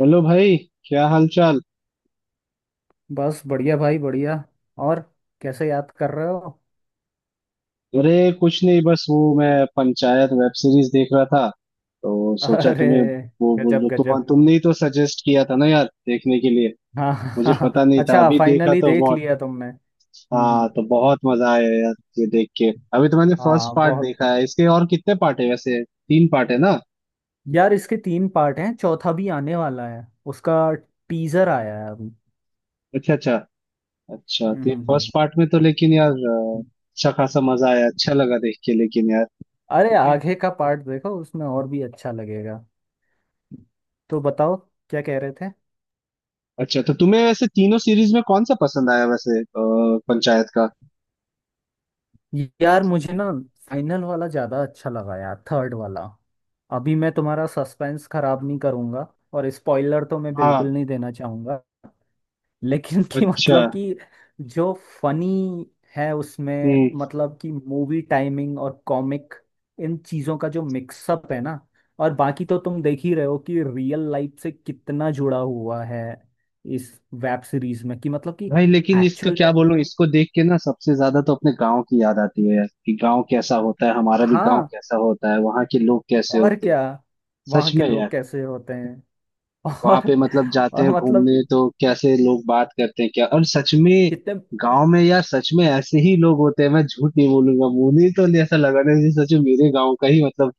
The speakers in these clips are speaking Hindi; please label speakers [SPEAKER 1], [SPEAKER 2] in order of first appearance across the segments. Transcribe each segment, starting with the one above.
[SPEAKER 1] हेलो भाई। क्या हाल चाल।
[SPEAKER 2] बस बढ़िया भाई बढ़िया। और कैसे याद कर रहे हो।
[SPEAKER 1] अरे कुछ नहीं, बस वो मैं पंचायत वेब सीरीज देख रहा था तो सोचा
[SPEAKER 2] अरे
[SPEAKER 1] तुम्हें,
[SPEAKER 2] गजब
[SPEAKER 1] वो- तुम
[SPEAKER 2] गजब।
[SPEAKER 1] तुमने ही तो सजेस्ट किया था ना यार देखने के लिए।
[SPEAKER 2] हाँ हाँ हाँ,
[SPEAKER 1] मुझे पता
[SPEAKER 2] हाँ।
[SPEAKER 1] नहीं था,
[SPEAKER 2] अच्छा
[SPEAKER 1] अभी देखा
[SPEAKER 2] फाइनली
[SPEAKER 1] तो
[SPEAKER 2] देख
[SPEAKER 1] बहुत।
[SPEAKER 2] लिया तुमने। हम्म
[SPEAKER 1] हाँ
[SPEAKER 2] हम्म।
[SPEAKER 1] तो बहुत मजा आया यार ये देख के। अभी तो मैंने फर्स्ट
[SPEAKER 2] हाँ
[SPEAKER 1] पार्ट
[SPEAKER 2] बहुत।
[SPEAKER 1] देखा है इसके, और कितने पार्ट है वैसे? तीन पार्ट है ना?
[SPEAKER 2] यार इसके तीन पार्ट हैं, चौथा भी आने वाला है उसका। टीजर आया है अभी।
[SPEAKER 1] अच्छा अच्छा। अच्छा
[SPEAKER 2] हम्म
[SPEAKER 1] तो
[SPEAKER 2] हम्म,
[SPEAKER 1] फर्स्ट
[SPEAKER 2] हम्म,
[SPEAKER 1] पार्ट में तो लेकिन यार
[SPEAKER 2] हम्म।
[SPEAKER 1] अच्छा खासा मजा आया, अच्छा लगा देख के लेकिन यार।
[SPEAKER 2] अरे आगे का पार्ट देखो, उसमें और भी अच्छा लगेगा। तो बताओ क्या कह रहे थे।
[SPEAKER 1] अच्छा तो तुम्हें वैसे तीनों सीरीज में कौन सा पसंद आया वैसे पंचायत का?
[SPEAKER 2] यार मुझे ना फाइनल वाला ज्यादा अच्छा लगा यार, थर्ड वाला। अभी मैं तुम्हारा सस्पेंस खराब नहीं करूंगा। और स्पॉइलर तो मैं बिल्कुल
[SPEAKER 1] हाँ।
[SPEAKER 2] नहीं देना चाहूंगा। लेकिन कि
[SPEAKER 1] अच्छा।
[SPEAKER 2] मतलब कि जो फनी है उसमें,
[SPEAKER 1] हम्म।
[SPEAKER 2] मतलब कि मूवी टाइमिंग और कॉमिक, इन चीजों का जो मिक्सअप है ना। और बाकी तो तुम देख ही रहे हो कि रियल लाइफ से कितना जुड़ा हुआ है इस वेब सीरीज में, कि मतलब कि
[SPEAKER 1] भाई लेकिन इसको
[SPEAKER 2] एक्चुअल
[SPEAKER 1] क्या
[SPEAKER 2] में।
[SPEAKER 1] बोलूं, इसको देख के ना सबसे ज्यादा तो अपने गांव की याद आती है यार कि गांव कैसा होता है, हमारा भी गांव
[SPEAKER 2] हाँ
[SPEAKER 1] कैसा होता है, वहाँ के लोग कैसे
[SPEAKER 2] और
[SPEAKER 1] होते हैं।
[SPEAKER 2] क्या,
[SPEAKER 1] सच
[SPEAKER 2] वहाँ के
[SPEAKER 1] में
[SPEAKER 2] लोग
[SPEAKER 1] यार।
[SPEAKER 2] कैसे होते हैं।
[SPEAKER 1] वहाँ
[SPEAKER 2] और
[SPEAKER 1] पे मतलब जाते हैं
[SPEAKER 2] और मतलब कि
[SPEAKER 1] घूमने तो कैसे लोग बात करते हैं क्या, और सच में
[SPEAKER 2] कितने
[SPEAKER 1] गांव में यार सच में ऐसे ही लोग होते हैं। मैं झूठ नहीं बोलूंगा, मुझे तो ऐसा लगा ना जैसे सच में मेरे गांव का ही मतलब,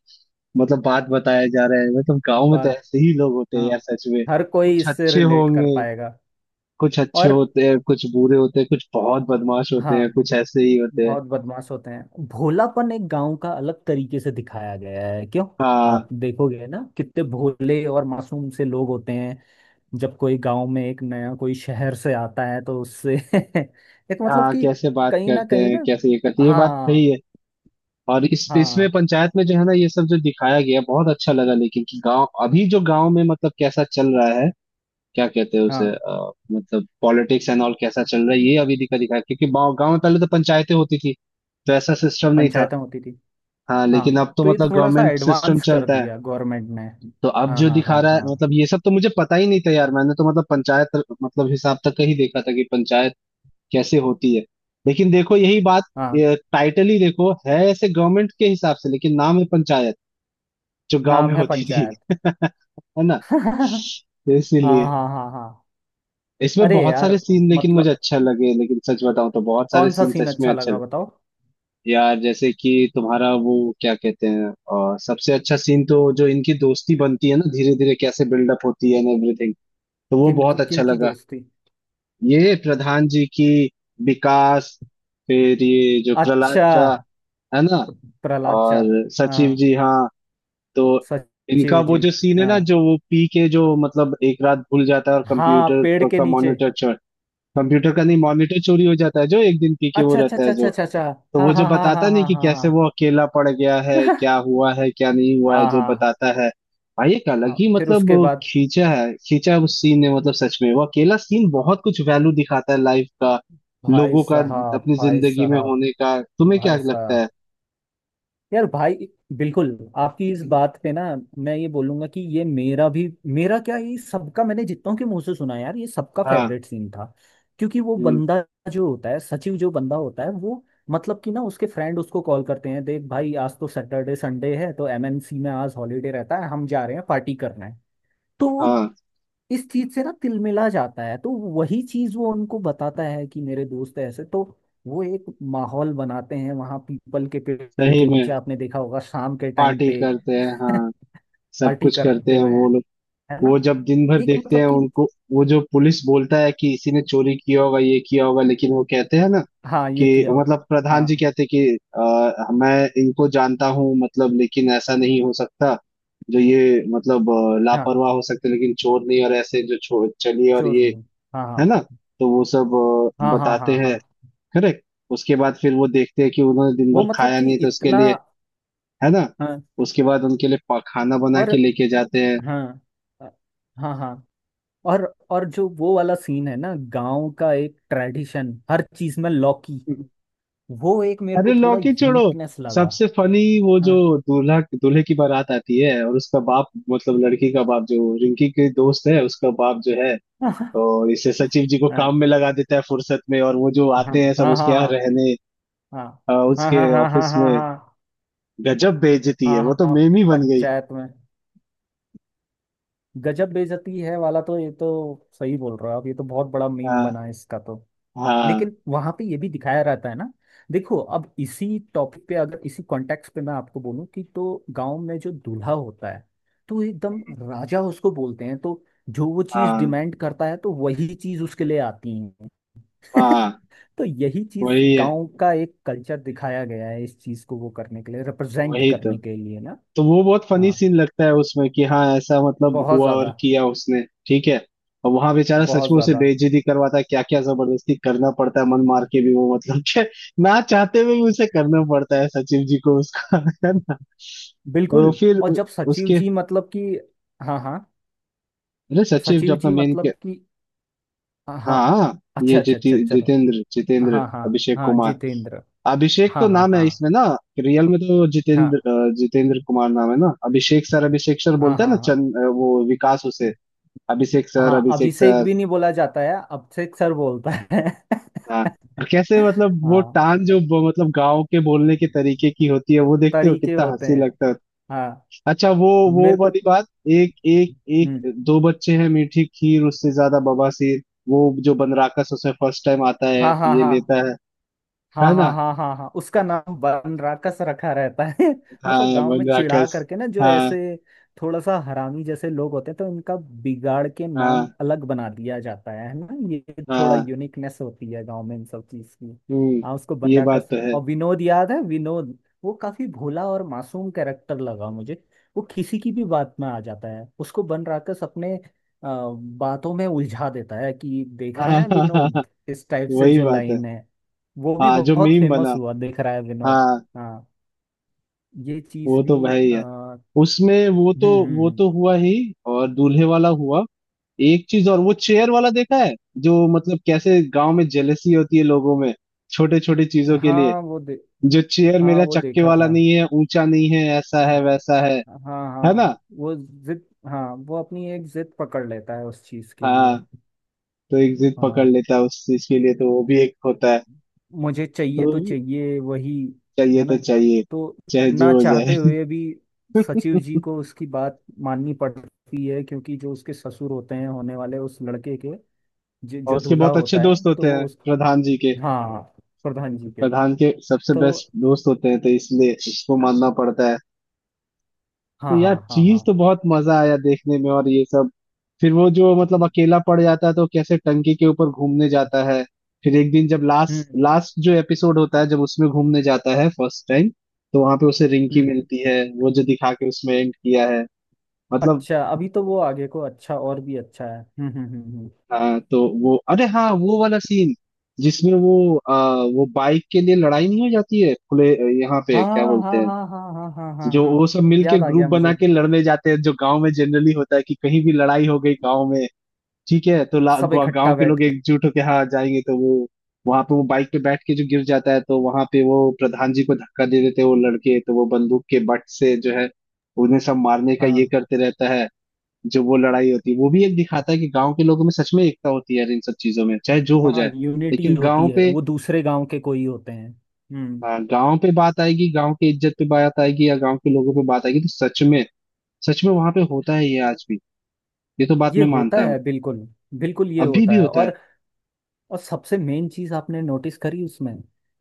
[SPEAKER 1] मतलब बात बताया जा रहा है। मतलब गांव में तो
[SPEAKER 2] बात।
[SPEAKER 1] ऐसे ही लोग होते हैं
[SPEAKER 2] हाँ
[SPEAKER 1] यार, सच में।
[SPEAKER 2] हर कोई
[SPEAKER 1] कुछ
[SPEAKER 2] इससे
[SPEAKER 1] अच्छे
[SPEAKER 2] रिलेट कर
[SPEAKER 1] होंगे।
[SPEAKER 2] पाएगा।
[SPEAKER 1] कुछ अच्छे
[SPEAKER 2] और
[SPEAKER 1] होते हैं, कुछ बुरे होते हैं, कुछ बहुत बदमाश होते हैं,
[SPEAKER 2] हाँ
[SPEAKER 1] कुछ ऐसे ही होते हैं।
[SPEAKER 2] बहुत बदमाश होते हैं। भोलापन एक गांव का अलग तरीके से दिखाया गया है क्यों।
[SPEAKER 1] हाँ,
[SPEAKER 2] आप देखोगे ना कितने भोले और मासूम से लोग होते हैं। जब कोई गांव में एक नया कोई शहर से आता है तो उससे एक मतलब
[SPEAKER 1] हाँ
[SPEAKER 2] कि
[SPEAKER 1] कैसे बात
[SPEAKER 2] कहीं ना
[SPEAKER 1] करते
[SPEAKER 2] कहीं
[SPEAKER 1] हैं,
[SPEAKER 2] ना।
[SPEAKER 1] कैसे ये करते हैं, ये बात सही
[SPEAKER 2] हाँ
[SPEAKER 1] है। और इस इसमें
[SPEAKER 2] हाँ
[SPEAKER 1] पंचायत में जो है ना, ये सब जो दिखाया गया बहुत अच्छा लगा, लेकिन कि गांव अभी जो गांव में मतलब कैसा चल रहा है, क्या कहते हैं उसे
[SPEAKER 2] हाँ
[SPEAKER 1] मतलब पॉलिटिक्स एंड ऑल कैसा चल रहा है ये अभी दिखाया, क्योंकि गांव गांव में पहले तो पंचायतें होती थी। तो ऐसा सिस्टम नहीं था।
[SPEAKER 2] पंचायतें होती थी।
[SPEAKER 1] हाँ
[SPEAKER 2] हाँ,
[SPEAKER 1] लेकिन अब तो
[SPEAKER 2] तो ये
[SPEAKER 1] मतलब
[SPEAKER 2] थोड़ा सा
[SPEAKER 1] गवर्नमेंट सिस्टम
[SPEAKER 2] एडवांस कर
[SPEAKER 1] चलता है।
[SPEAKER 2] दिया गवर्नमेंट ने।
[SPEAKER 1] तो अब
[SPEAKER 2] हाँ
[SPEAKER 1] जो
[SPEAKER 2] हाँ
[SPEAKER 1] दिखा
[SPEAKER 2] हाँ
[SPEAKER 1] रहा है
[SPEAKER 2] हाँ
[SPEAKER 1] मतलब ये सब तो मुझे पता ही नहीं था यार। मैंने तो मतलब पंचायत मतलब हिसाब तक का ही देखा था कि पंचायत कैसे होती है। लेकिन देखो यही बात,
[SPEAKER 2] हाँ,
[SPEAKER 1] टाइटल ही देखो है ऐसे गवर्नमेंट के हिसाब से लेकिन नाम है पंचायत जो गांव में
[SPEAKER 2] नाम है
[SPEAKER 1] होती थी।
[SPEAKER 2] पंचायत।
[SPEAKER 1] है ना? तो
[SPEAKER 2] हाँ
[SPEAKER 1] इसीलिए
[SPEAKER 2] हाँ हाँ हाँ।
[SPEAKER 1] इसमें
[SPEAKER 2] अरे
[SPEAKER 1] बहुत सारे
[SPEAKER 2] यार
[SPEAKER 1] सीन लेकिन मुझे
[SPEAKER 2] मतलब
[SPEAKER 1] अच्छा लगे, लेकिन सच बताऊं तो बहुत सारे
[SPEAKER 2] कौन सा
[SPEAKER 1] सीन
[SPEAKER 2] सीन
[SPEAKER 1] सच में
[SPEAKER 2] अच्छा
[SPEAKER 1] अच्छे
[SPEAKER 2] लगा
[SPEAKER 1] लगे।
[SPEAKER 2] बताओ।
[SPEAKER 1] यार जैसे कि तुम्हारा वो, क्या कहते हैं सबसे अच्छा सीन तो जो इनकी दोस्ती बनती है ना धीरे धीरे, कैसे बिल्डअप होती है एंड एवरीथिंग, तो वो
[SPEAKER 2] किनकी
[SPEAKER 1] बहुत अच्छा
[SPEAKER 2] किनकी
[SPEAKER 1] लगा।
[SPEAKER 2] दोस्ती।
[SPEAKER 1] ये प्रधान जी की, विकास, फिर ये जो प्रहलाद
[SPEAKER 2] अच्छा,
[SPEAKER 1] चा है ना,
[SPEAKER 2] प्रहलाद चा।
[SPEAKER 1] और सचिव
[SPEAKER 2] हाँ,
[SPEAKER 1] जी। हाँ। तो इनका
[SPEAKER 2] सचिव
[SPEAKER 1] वो
[SPEAKER 2] जी।
[SPEAKER 1] जो सीन है
[SPEAKER 2] हाँ
[SPEAKER 1] ना, जो वो पी के जो मतलब एक रात भूल जाता है और
[SPEAKER 2] हाँ,
[SPEAKER 1] कंप्यूटर
[SPEAKER 2] पेड़ के
[SPEAKER 1] का
[SPEAKER 2] नीचे।
[SPEAKER 1] मॉनिटर चोर, कंप्यूटर का नहीं मॉनिटर चोरी हो जाता है जो एक दिन पी के वो
[SPEAKER 2] अच्छा अच्छा
[SPEAKER 1] रहता
[SPEAKER 2] अच्छा
[SPEAKER 1] है
[SPEAKER 2] अच्छा
[SPEAKER 1] जो।
[SPEAKER 2] अच्छा अच्छा।
[SPEAKER 1] तो
[SPEAKER 2] हाँ
[SPEAKER 1] वो जो
[SPEAKER 2] हाँ हाँ
[SPEAKER 1] बताता
[SPEAKER 2] हाँ
[SPEAKER 1] नहीं
[SPEAKER 2] हाँ
[SPEAKER 1] कि
[SPEAKER 2] हाँ
[SPEAKER 1] कैसे
[SPEAKER 2] हाँ।
[SPEAKER 1] वो अकेला पड़ गया है, क्या हुआ है, क्या नहीं हुआ है,
[SPEAKER 2] हाँ
[SPEAKER 1] जो
[SPEAKER 2] हाँ।
[SPEAKER 1] बताता है। भाई एक अलग
[SPEAKER 2] हाँ
[SPEAKER 1] ही
[SPEAKER 2] फिर
[SPEAKER 1] मतलब
[SPEAKER 2] उसके
[SPEAKER 1] वो
[SPEAKER 2] बाद
[SPEAKER 1] खींचा है उस सीन ने, मतलब सच में वो अकेला सीन बहुत कुछ वैल्यू दिखाता है लाइफ का,
[SPEAKER 2] भाई
[SPEAKER 1] लोगों का,
[SPEAKER 2] साहब
[SPEAKER 1] अपनी
[SPEAKER 2] भाई
[SPEAKER 1] जिंदगी में
[SPEAKER 2] साहब।
[SPEAKER 1] होने का। तुम्हें क्या
[SPEAKER 2] भाई
[SPEAKER 1] लगता
[SPEAKER 2] साहब,
[SPEAKER 1] है?
[SPEAKER 2] यार भाई, बिल्कुल आपकी इस बात पे ना मैं ये बोलूंगा कि ये मेरा भी, मेरा क्या ये सबका, मैंने जितनों के मुंह से सुना है यार, ये सबका
[SPEAKER 1] हाँ।
[SPEAKER 2] फेवरेट सीन था। क्योंकि वो
[SPEAKER 1] हम्म।
[SPEAKER 2] बंदा जो होता है, सचिव जो बंदा होता है वो, मतलब कि ना उसके फ्रेंड उसको कॉल करते हैं, देख भाई आज तो सैटरडे संडे है तो एमएनसी में आज हॉलीडे रहता है, हम जा रहे हैं, पार्टी करना है। तो वो
[SPEAKER 1] हाँ
[SPEAKER 2] इस चीज से ना तिलमिला जाता है, तो वही चीज वो उनको बताता है कि मेरे दोस्त ऐसे, तो वो एक माहौल बनाते हैं वहां पीपल के पेड़
[SPEAKER 1] सही
[SPEAKER 2] के
[SPEAKER 1] में
[SPEAKER 2] नीचे, आपने देखा होगा शाम के टाइम
[SPEAKER 1] पार्टी
[SPEAKER 2] पे।
[SPEAKER 1] करते हैं, हाँ सब
[SPEAKER 2] पार्टी
[SPEAKER 1] कुछ करते
[SPEAKER 2] करते
[SPEAKER 1] हैं
[SPEAKER 2] हुए
[SPEAKER 1] वो
[SPEAKER 2] हैं,
[SPEAKER 1] लोग।
[SPEAKER 2] है
[SPEAKER 1] वो
[SPEAKER 2] ना।
[SPEAKER 1] जब दिन भर
[SPEAKER 2] एक
[SPEAKER 1] देखते हैं
[SPEAKER 2] मतलब कि,
[SPEAKER 1] उनको, वो जो पुलिस बोलता है कि इसी ने चोरी किया होगा, ये किया होगा, लेकिन वो कहते हैं ना
[SPEAKER 2] हाँ ये
[SPEAKER 1] कि
[SPEAKER 2] किया हो।
[SPEAKER 1] मतलब प्रधान
[SPEAKER 2] हाँ
[SPEAKER 1] जी कहते कि मैं इनको जानता हूँ मतलब, लेकिन ऐसा नहीं हो सकता, जो ये मतलब
[SPEAKER 2] हाँ,
[SPEAKER 1] लापरवाह हो सकते लेकिन चोर नहीं, और ऐसे जो चोर चलिए, और
[SPEAKER 2] श्योर
[SPEAKER 1] ये
[SPEAKER 2] नहीं। हाँ
[SPEAKER 1] है ना,
[SPEAKER 2] हाँ
[SPEAKER 1] तो वो सब
[SPEAKER 2] हाँ हाँ
[SPEAKER 1] बताते
[SPEAKER 2] हाँ हाँ।
[SPEAKER 1] हैं। करेक्ट। उसके बाद फिर वो देखते हैं कि उन्होंने दिन
[SPEAKER 2] वो
[SPEAKER 1] भर
[SPEAKER 2] मतलब
[SPEAKER 1] खाया
[SPEAKER 2] कि
[SPEAKER 1] नहीं, तो उसके
[SPEAKER 2] इतना।
[SPEAKER 1] लिए है ना,
[SPEAKER 2] हाँ
[SPEAKER 1] उसके बाद उनके लिए खाना बना
[SPEAKER 2] और
[SPEAKER 1] के लेके जाते हैं।
[SPEAKER 2] हाँ, अ, हाँ हाँ। और और जो वो वाला सीन है ना, गांव का एक ट्रेडिशन हर चीज में लौकी, वो एक मेरे
[SPEAKER 1] अरे
[SPEAKER 2] को थोड़ा
[SPEAKER 1] लौकी छोड़ो,
[SPEAKER 2] यूनिकनेस लगा।
[SPEAKER 1] सबसे फनी वो जो
[SPEAKER 2] हाँ
[SPEAKER 1] दूल्हा दूल्हे की बारात आती है और उसका बाप मतलब लड़की का बाप जो रिंकी के दोस्त है उसका बाप जो है,
[SPEAKER 2] हाँ हाँ
[SPEAKER 1] तो इसे सचिव जी को काम में लगा देता है फुर्सत में, और वो जो
[SPEAKER 2] हाँ हाँ
[SPEAKER 1] आते हैं सब
[SPEAKER 2] हाँ
[SPEAKER 1] उसके
[SPEAKER 2] हाँ
[SPEAKER 1] यहाँ
[SPEAKER 2] हाँ
[SPEAKER 1] रहने
[SPEAKER 2] हाँ हाँ
[SPEAKER 1] उसके ऑफिस में।
[SPEAKER 2] हाँ
[SPEAKER 1] गजब बेइज्जती है,
[SPEAKER 2] हाँ
[SPEAKER 1] वो
[SPEAKER 2] हाँ,
[SPEAKER 1] तो
[SPEAKER 2] हाँ,
[SPEAKER 1] मेम ही बन गई।
[SPEAKER 2] पंचायत में। गजब बेइज्जती है वाला तो, ये तो सही बोल रहे हो आप, ये तो बहुत बड़ा मीम
[SPEAKER 1] हाँ
[SPEAKER 2] बना है इसका तो।
[SPEAKER 1] हाँ
[SPEAKER 2] लेकिन वहां पे ये भी दिखाया रहता है ना। देखो, अब इसी टॉपिक पे अगर इसी कॉन्टेक्स्ट पे मैं आपको बोलूं कि तो गांव में जो दूल्हा होता है तो एकदम राजा उसको बोलते हैं, तो जो वो चीज
[SPEAKER 1] हाँ
[SPEAKER 2] डिमांड करता है तो वही चीज उसके लिए आती है।
[SPEAKER 1] हाँ।
[SPEAKER 2] तो यही चीज
[SPEAKER 1] वही है,
[SPEAKER 2] गांव का एक कल्चर दिखाया गया है, इस चीज को वो करने के लिए, रिप्रेजेंट
[SPEAKER 1] वही तो।
[SPEAKER 2] करने के लिए ना।
[SPEAKER 1] तो वो बहुत फनी
[SPEAKER 2] हाँ
[SPEAKER 1] सीन लगता है उसमें कि हाँ ऐसा मतलब
[SPEAKER 2] बहुत
[SPEAKER 1] हुआ और
[SPEAKER 2] ज्यादा
[SPEAKER 1] किया उसने। ठीक है। और वहां बेचारा सच
[SPEAKER 2] बहुत
[SPEAKER 1] में उसे
[SPEAKER 2] ज्यादा।
[SPEAKER 1] बेइज्जती करवाता है, क्या क्या जबरदस्ती करना पड़ता है, मन मार के भी वो मतलब कि ना चाहते हुए भी उसे करना पड़ता है सचिव जी को, उसका। है ना? तो
[SPEAKER 2] बिल्कुल।
[SPEAKER 1] फिर
[SPEAKER 2] और जब सचिव
[SPEAKER 1] उसके,
[SPEAKER 2] जी मतलब कि, हाँ हाँ,
[SPEAKER 1] अरे सचिव जो
[SPEAKER 2] सचिव
[SPEAKER 1] अपना
[SPEAKER 2] जी
[SPEAKER 1] मेन के,
[SPEAKER 2] मतलब कि। हाँ
[SPEAKER 1] हाँ। ये
[SPEAKER 2] अच्छा अच्छा
[SPEAKER 1] जिति
[SPEAKER 2] अच्छा चलो।
[SPEAKER 1] जितेंद्र जितेंद्र
[SPEAKER 2] हाँ हाँ
[SPEAKER 1] अभिषेक
[SPEAKER 2] हाँ
[SPEAKER 1] कुमार।
[SPEAKER 2] जितेंद्र।
[SPEAKER 1] अभिषेक
[SPEAKER 2] हाँ
[SPEAKER 1] तो
[SPEAKER 2] हाँ
[SPEAKER 1] नाम है
[SPEAKER 2] हाँ
[SPEAKER 1] इसमें ना, रियल में तो जितेंद्र
[SPEAKER 2] हाँ
[SPEAKER 1] जितेंद्र कुमार नाम है ना। अभिषेक सर, अभिषेक सर
[SPEAKER 2] हाँ
[SPEAKER 1] बोलता है
[SPEAKER 2] हाँ
[SPEAKER 1] ना,
[SPEAKER 2] हाँ।
[SPEAKER 1] चंद वो विकास उसे अभिषेक सर,
[SPEAKER 2] हाँ,
[SPEAKER 1] अभिषेक
[SPEAKER 2] अभिषेक
[SPEAKER 1] सर।
[SPEAKER 2] भी नहीं बोला जाता है, अभिषेक सर बोलता है।
[SPEAKER 1] हाँ। और कैसे मतलब वो
[SPEAKER 2] हाँ
[SPEAKER 1] टान जो मतलब गांव के बोलने के तरीके की होती है वो, देखते हो
[SPEAKER 2] तरीके
[SPEAKER 1] कितना
[SPEAKER 2] होते
[SPEAKER 1] हंसी
[SPEAKER 2] हैं।
[SPEAKER 1] लगता है।
[SPEAKER 2] हाँ
[SPEAKER 1] अच्छा वो
[SPEAKER 2] मेरे को।
[SPEAKER 1] वाली बात, एक एक
[SPEAKER 2] हम्म।
[SPEAKER 1] एक दो बच्चे हैं मीठी खीर उससे ज्यादा बवासीर, वो जो बनराकस उसमें फर्स्ट टाइम आता है
[SPEAKER 2] हाँ हाँ
[SPEAKER 1] ये
[SPEAKER 2] हाँ
[SPEAKER 1] लेता है
[SPEAKER 2] हाँ
[SPEAKER 1] है
[SPEAKER 2] हाँ
[SPEAKER 1] ना?
[SPEAKER 2] हाँ हाँ हाँ उसका नाम बनराकस रखा रहता है। मतलब
[SPEAKER 1] हाँ
[SPEAKER 2] गांव में चिढ़ा
[SPEAKER 1] बनराकस।
[SPEAKER 2] करके ना, जो
[SPEAKER 1] हाँ
[SPEAKER 2] ऐसे थोड़ा सा हरामी जैसे लोग होते हैं, तो इनका बिगाड़ के
[SPEAKER 1] हाँ
[SPEAKER 2] नाम अलग बना दिया जाता है ना। ये थोड़ा
[SPEAKER 1] हाँ।
[SPEAKER 2] यूनिकनेस होती है गांव में इन सब चीज की।
[SPEAKER 1] हम्म।
[SPEAKER 2] हाँ उसको
[SPEAKER 1] ये बात
[SPEAKER 2] बनराकस,
[SPEAKER 1] तो है।
[SPEAKER 2] और विनोद याद है, विनोद। वो काफी भोला और मासूम कैरेक्टर लगा मुझे। वो किसी की भी बात में आ जाता है, उसको बनराकस अपने बातों में उलझा देता है कि देख
[SPEAKER 1] हाँ,
[SPEAKER 2] रहा है
[SPEAKER 1] हाँ हाँ हाँ।
[SPEAKER 2] विनोद, इस टाइप से
[SPEAKER 1] वही
[SPEAKER 2] जो
[SPEAKER 1] बात है।
[SPEAKER 2] लाइन है। वो भी
[SPEAKER 1] हाँ जो
[SPEAKER 2] बहुत
[SPEAKER 1] मीम
[SPEAKER 2] फेमस
[SPEAKER 1] बना।
[SPEAKER 2] हुआ दिख रहा है, विनोद।
[SPEAKER 1] हाँ।
[SPEAKER 2] हाँ ये चीज
[SPEAKER 1] वो
[SPEAKER 2] भी
[SPEAKER 1] तो भाई यार,
[SPEAKER 2] हम्म।
[SPEAKER 1] उसमें वो तो,
[SPEAKER 2] हम्म
[SPEAKER 1] वो
[SPEAKER 2] हम्म।
[SPEAKER 1] तो हुआ ही और दूल्हे वाला हुआ। एक चीज और, वो चेयर वाला देखा है जो, मतलब कैसे गांव में जेलसी होती है लोगों में छोटे छोटे चीजों के लिए,
[SPEAKER 2] हाँ
[SPEAKER 1] जो चेयर
[SPEAKER 2] हाँ
[SPEAKER 1] मेरा
[SPEAKER 2] वो
[SPEAKER 1] चक्के
[SPEAKER 2] देखा
[SPEAKER 1] वाला
[SPEAKER 2] था।
[SPEAKER 1] नहीं है, ऊंचा नहीं है, ऐसा है वैसा है
[SPEAKER 2] हाँ
[SPEAKER 1] है ना?
[SPEAKER 2] हाँ वो जिद, हाँ वो अपनी एक जिद पकड़ लेता है उस चीज के लिए।
[SPEAKER 1] हाँ तो एक जिद पकड़
[SPEAKER 2] हाँ,
[SPEAKER 1] लेता है उस चीज के लिए, तो वो भी एक होता है।
[SPEAKER 2] मुझे
[SPEAKER 1] तो
[SPEAKER 2] चाहिए तो चाहिए वही,
[SPEAKER 1] चाहिए
[SPEAKER 2] है ना।
[SPEAKER 1] तो चाहिए,
[SPEAKER 2] तो
[SPEAKER 1] चाहे
[SPEAKER 2] ना
[SPEAKER 1] जो हो
[SPEAKER 2] चाहते
[SPEAKER 1] जाए।
[SPEAKER 2] हुए भी सचिव जी को उसकी बात माननी पड़ती है, क्योंकि जो उसके ससुर होते हैं होने वाले उस लड़के के, जो,
[SPEAKER 1] और
[SPEAKER 2] जो
[SPEAKER 1] उसके
[SPEAKER 2] दूल्हा
[SPEAKER 1] बहुत अच्छे
[SPEAKER 2] होता है,
[SPEAKER 1] दोस्त होते
[SPEAKER 2] तो
[SPEAKER 1] हैं
[SPEAKER 2] वो।
[SPEAKER 1] प्रधान जी के,
[SPEAKER 2] हाँ हाँ, प्रधान जी के
[SPEAKER 1] प्रधान के सबसे
[SPEAKER 2] तो।
[SPEAKER 1] बेस्ट दोस्त होते हैं तो इसलिए उसको मानना पड़ता है। तो
[SPEAKER 2] हाँ
[SPEAKER 1] यार
[SPEAKER 2] हाँ हाँ
[SPEAKER 1] चीज
[SPEAKER 2] हाँ।
[SPEAKER 1] तो बहुत मजा आया देखने में, और ये सब। फिर वो जो मतलब
[SPEAKER 2] हम्म
[SPEAKER 1] अकेला पड़ जाता है तो कैसे टंकी के ऊपर घूमने जाता है। फिर एक दिन जब लास्ट लास्ट जो एपिसोड होता है, जब उसमें घूमने जाता है फर्स्ट टाइम तो वहां पे उसे
[SPEAKER 2] हम्म
[SPEAKER 1] रिंकी
[SPEAKER 2] हम्म।
[SPEAKER 1] मिलती है, वो जो दिखा के उसमें एंड किया है, मतलब।
[SPEAKER 2] अच्छा अभी तो वो आगे को अच्छा, और भी अच्छा है।
[SPEAKER 1] हाँ तो वो, अरे हाँ वो वाला सीन जिसमें वो वो बाइक के लिए लड़ाई नहीं हो जाती है खुले, यहाँ पे क्या
[SPEAKER 2] हाँ
[SPEAKER 1] बोलते
[SPEAKER 2] हाँ
[SPEAKER 1] हैं?
[SPEAKER 2] हाँ हाँ हाँ हाँ हाँ हाँ
[SPEAKER 1] जो
[SPEAKER 2] हाँ।
[SPEAKER 1] वो सब मिलके
[SPEAKER 2] याद आ
[SPEAKER 1] ग्रुप
[SPEAKER 2] गया
[SPEAKER 1] बना
[SPEAKER 2] मुझे।
[SPEAKER 1] के लड़ने जाते हैं, जो गांव में जनरली होता है कि कहीं भी लड़ाई हो गई गांव में ठीक है तो
[SPEAKER 2] सब
[SPEAKER 1] गांव
[SPEAKER 2] इकट्ठा
[SPEAKER 1] के
[SPEAKER 2] बैठ
[SPEAKER 1] लोग
[SPEAKER 2] के।
[SPEAKER 1] एकजुट होके हाँ जाएंगे, तो वो वहां पे वो बाइक पे बैठ के जो गिर जाता है तो वहां पे वो प्रधान जी को धक्का दे देते हैं वो लड़के, तो वो बंदूक के बट से जो है उन्हें सब मारने का ये
[SPEAKER 2] हाँ
[SPEAKER 1] करते रहता है। जो वो लड़ाई होती है वो भी एक दिखाता है कि गांव के लोगों में सच में एकता होती है यार इन सब चीजों में, चाहे जो हो
[SPEAKER 2] हाँ,
[SPEAKER 1] जाए,
[SPEAKER 2] यूनिटी
[SPEAKER 1] लेकिन
[SPEAKER 2] होती
[SPEAKER 1] गांव
[SPEAKER 2] है,
[SPEAKER 1] पे,
[SPEAKER 2] वो दूसरे गांव के कोई होते हैं। हम्म।
[SPEAKER 1] हाँ, गांव पे बात आएगी, गांव की इज्जत पे बात आएगी या गांव के लोगों पे बात आएगी तो सच में, सच में वहां पे होता है ये आज भी। ये तो बात
[SPEAKER 2] ये
[SPEAKER 1] मैं
[SPEAKER 2] होता
[SPEAKER 1] मानता हूँ।
[SPEAKER 2] है, बिल्कुल बिल्कुल ये
[SPEAKER 1] अभी भी
[SPEAKER 2] होता है।
[SPEAKER 1] होता है।
[SPEAKER 2] और सबसे मेन चीज आपने नोटिस करी उसमें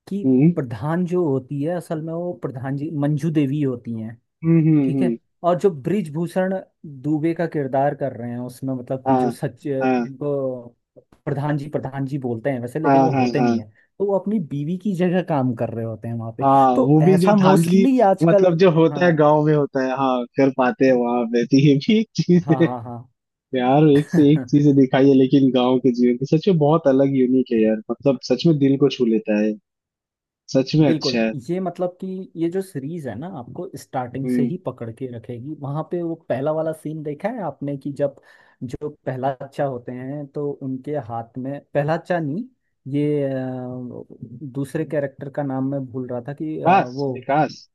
[SPEAKER 2] कि
[SPEAKER 1] हम्म
[SPEAKER 2] प्रधान जो होती है असल में, वो प्रधान जी मंजू देवी होती हैं। ठीक है।
[SPEAKER 1] हम्म।
[SPEAKER 2] और जो ब्रिजभूषण दुबे का किरदार कर रहे हैं उसमें, मतलब कि
[SPEAKER 1] हाँ,
[SPEAKER 2] जो, सच
[SPEAKER 1] हाँ,
[SPEAKER 2] इनको प्रधान जी बोलते हैं वैसे,
[SPEAKER 1] हाँ,
[SPEAKER 2] लेकिन
[SPEAKER 1] हाँ,
[SPEAKER 2] वो
[SPEAKER 1] हाँ,
[SPEAKER 2] होते
[SPEAKER 1] हाँ,
[SPEAKER 2] नहीं है। तो वो अपनी बीवी की जगह काम कर रहे होते हैं वहां पे।
[SPEAKER 1] हाँ,
[SPEAKER 2] तो
[SPEAKER 1] वो भी जो
[SPEAKER 2] ऐसा
[SPEAKER 1] धांधली
[SPEAKER 2] मोस्टली
[SPEAKER 1] मतलब
[SPEAKER 2] आजकल।
[SPEAKER 1] जो होता है
[SPEAKER 2] हाँ
[SPEAKER 1] गांव में होता है हाँ कर पाते हैं वहां पे, तो ये भी एक चीज
[SPEAKER 2] हाँ
[SPEAKER 1] है।
[SPEAKER 2] हाँ
[SPEAKER 1] यार एक से एक
[SPEAKER 2] हाँ।
[SPEAKER 1] चीजें दिखाई है लेकिन गांव के जीवन की, सच में बहुत अलग यूनिक है यार, मतलब सच में दिल को छू लेता है। सच में अच्छा
[SPEAKER 2] बिल्कुल।
[SPEAKER 1] है।
[SPEAKER 2] ये मतलब कि ये जो सीरीज है ना आपको स्टार्टिंग से
[SPEAKER 1] हम्म,
[SPEAKER 2] ही पकड़ के रखेगी। वहां पे वो पहला वाला सीन देखा है आपने कि जब जो पहलाचा होते हैं तो उनके हाथ में, पहलाचा नहीं ये दूसरे कैरेक्टर का नाम मैं भूल रहा था कि
[SPEAKER 1] विकास
[SPEAKER 2] वो
[SPEAKER 1] विकास।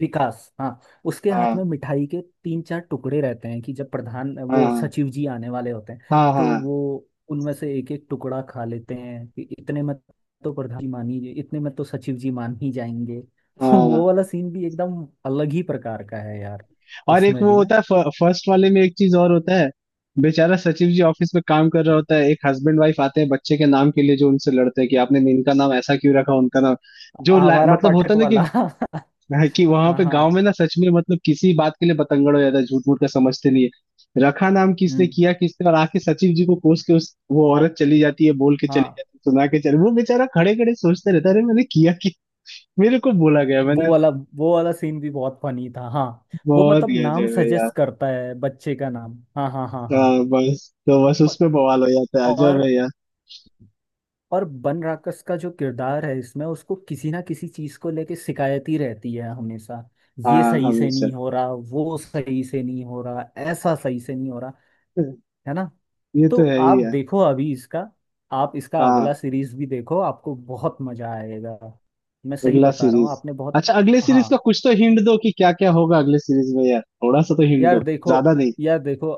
[SPEAKER 2] विकास। हाँ उसके हाथ में
[SPEAKER 1] हाँ
[SPEAKER 2] मिठाई के तीन चार टुकड़े रहते हैं कि जब प्रधान वो
[SPEAKER 1] हाँ
[SPEAKER 2] सचिव जी आने वाले होते हैं,
[SPEAKER 1] हाँ हाँ
[SPEAKER 2] तो वो उनमें से एक एक टुकड़ा खा लेते हैं कि इतने में, तो प्रधान जी मान ही, इतने में तो सचिव जी मान ही जाएंगे।
[SPEAKER 1] हाँ।
[SPEAKER 2] वो वाला सीन भी एकदम अलग ही प्रकार का है यार।
[SPEAKER 1] और एक
[SPEAKER 2] उसमें
[SPEAKER 1] वो
[SPEAKER 2] भी ना
[SPEAKER 1] होता है फर्स्ट वाले में, एक चीज और होता है, बेचारा सचिव जी ऑफिस में काम कर रहा होता है, एक हस्बैंड वाइफ आते हैं बच्चे के नाम के लिए जो उनसे लड़ते हैं कि आपने इनका नाम ऐसा क्यों रखा उनका नाम, जो
[SPEAKER 2] आवारा
[SPEAKER 1] मतलब होता
[SPEAKER 2] पाठक
[SPEAKER 1] है ना कि
[SPEAKER 2] वाला।
[SPEAKER 1] वहां
[SPEAKER 2] हाँ
[SPEAKER 1] पे
[SPEAKER 2] हाँ
[SPEAKER 1] गांव में ना सच में मतलब किसी बात के लिए बतंगड़ हो जाता है झूठ मूठ का, समझते नहीं है, रखा नाम किसने
[SPEAKER 2] हम्म।
[SPEAKER 1] किया किसने, और आके सचिव जी को कोस के उस वो औरत चली जाती है, बोल के चली जाती
[SPEAKER 2] हाँ
[SPEAKER 1] है, सुना के चले, वो बेचारा खड़े खड़े सोचते रहता है अरे मैंने किया कि मेरे को बोला गया मैंने।
[SPEAKER 2] वो वाला सीन भी बहुत फनी था। हाँ वो
[SPEAKER 1] बहुत
[SPEAKER 2] मतलब
[SPEAKER 1] गया
[SPEAKER 2] नाम
[SPEAKER 1] जय।
[SPEAKER 2] सजेस्ट करता है, बच्चे का नाम, हाँ हाँ हाँ हाँ।
[SPEAKER 1] हाँ बस तो बस
[SPEAKER 2] म-
[SPEAKER 1] उसमें बवाल हो जाता है, अजब है
[SPEAKER 2] और
[SPEAKER 1] यार।
[SPEAKER 2] और बन राकस का जो किरदार है इसमें, उसको किसी ना किसी चीज को लेके शिकायत ही रहती है हमेशा। ये
[SPEAKER 1] हाँ
[SPEAKER 2] सही से
[SPEAKER 1] हमेशा।
[SPEAKER 2] नहीं हो रहा, वो सही से नहीं हो रहा, ऐसा सही से नहीं हो रहा, है ना।
[SPEAKER 1] ये
[SPEAKER 2] तो
[SPEAKER 1] तो है ही
[SPEAKER 2] आप
[SPEAKER 1] यार।
[SPEAKER 2] देखो अभी इसका, आप इसका अगला
[SPEAKER 1] हाँ।
[SPEAKER 2] सीरीज भी देखो, आपको बहुत मजा आएगा। मैं सही
[SPEAKER 1] अगला
[SPEAKER 2] बता रहा हूँ,
[SPEAKER 1] सीरीज?
[SPEAKER 2] आपने बहुत।
[SPEAKER 1] अच्छा अगले सीरीज का
[SPEAKER 2] हाँ
[SPEAKER 1] कुछ तो हिंट दो कि क्या क्या होगा अगले सीरीज में यार, थोड़ा सा तो हिंट दो,
[SPEAKER 2] यार देखो,
[SPEAKER 1] ज्यादा नहीं।
[SPEAKER 2] यार देखो,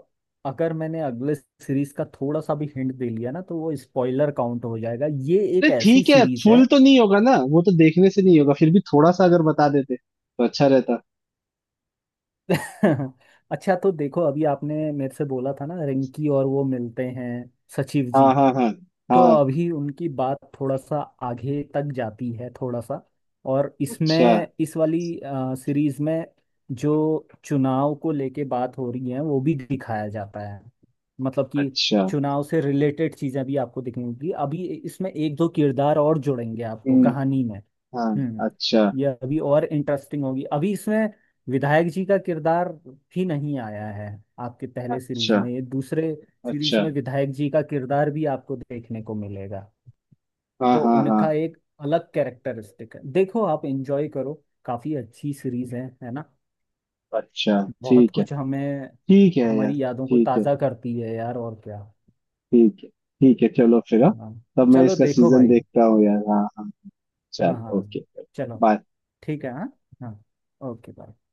[SPEAKER 2] अगर मैंने अगले सीरीज का थोड़ा सा भी हिंट दे लिया ना तो वो स्पॉइलर काउंट हो जाएगा, ये
[SPEAKER 1] अरे
[SPEAKER 2] एक ऐसी
[SPEAKER 1] ठीक है,
[SPEAKER 2] सीरीज है।
[SPEAKER 1] फुल तो नहीं होगा ना वो तो देखने से नहीं होगा, फिर भी थोड़ा सा अगर बता देते तो अच्छा रहता।
[SPEAKER 2] अच्छा तो देखो अभी आपने मेरे से बोला था ना रिंकी और वो मिलते हैं सचिव जी,
[SPEAKER 1] हाँ हाँ हाँ
[SPEAKER 2] तो
[SPEAKER 1] हाँ।
[SPEAKER 2] अभी उनकी बात थोड़ा सा आगे तक जाती है थोड़ा सा। और इसमें
[SPEAKER 1] अच्छा
[SPEAKER 2] इस वाली सीरीज में जो चुनाव को लेके बात हो रही है वो भी दिखाया जाता है, मतलब कि
[SPEAKER 1] अच्छा।
[SPEAKER 2] चुनाव से रिलेटेड चीजें भी आपको दिखेंगी। अभी इसमें एक दो किरदार और जुड़ेंगे आपको
[SPEAKER 1] हम्म।
[SPEAKER 2] कहानी में। हम्म।
[SPEAKER 1] हाँ। अच्छा
[SPEAKER 2] ये अभी और इंटरेस्टिंग होगी अभी इसमें, विधायक जी का किरदार भी नहीं आया है आपके पहले सीरीज
[SPEAKER 1] अच्छा
[SPEAKER 2] में, ये दूसरे सीरीज
[SPEAKER 1] अच्छा।
[SPEAKER 2] में विधायक जी का किरदार भी आपको देखने को मिलेगा।
[SPEAKER 1] हाँ
[SPEAKER 2] तो
[SPEAKER 1] हाँ हाँ।
[SPEAKER 2] उनका एक अलग कैरेक्टरिस्टिक है, देखो आप एंजॉय करो, काफी अच्छी सीरीज है ना।
[SPEAKER 1] अच्छा।
[SPEAKER 2] बहुत
[SPEAKER 1] ठीक है
[SPEAKER 2] कुछ हमें,
[SPEAKER 1] ठीक है यार।
[SPEAKER 2] हमारी यादों को
[SPEAKER 1] ठीक है
[SPEAKER 2] ताजा करती है यार, और क्या।
[SPEAKER 1] ठीक है ठीक है चलो फिर हाँ।
[SPEAKER 2] हाँ
[SPEAKER 1] तब मैं
[SPEAKER 2] चलो
[SPEAKER 1] इसका
[SPEAKER 2] देखो
[SPEAKER 1] सीजन
[SPEAKER 2] भाई।
[SPEAKER 1] देखता हूँ यार। हाँ हाँ।
[SPEAKER 2] हाँ हाँ
[SPEAKER 1] चलो ओके
[SPEAKER 2] चलो
[SPEAKER 1] बाय।
[SPEAKER 2] ठीक है। हाँ हाँ ओके बाय।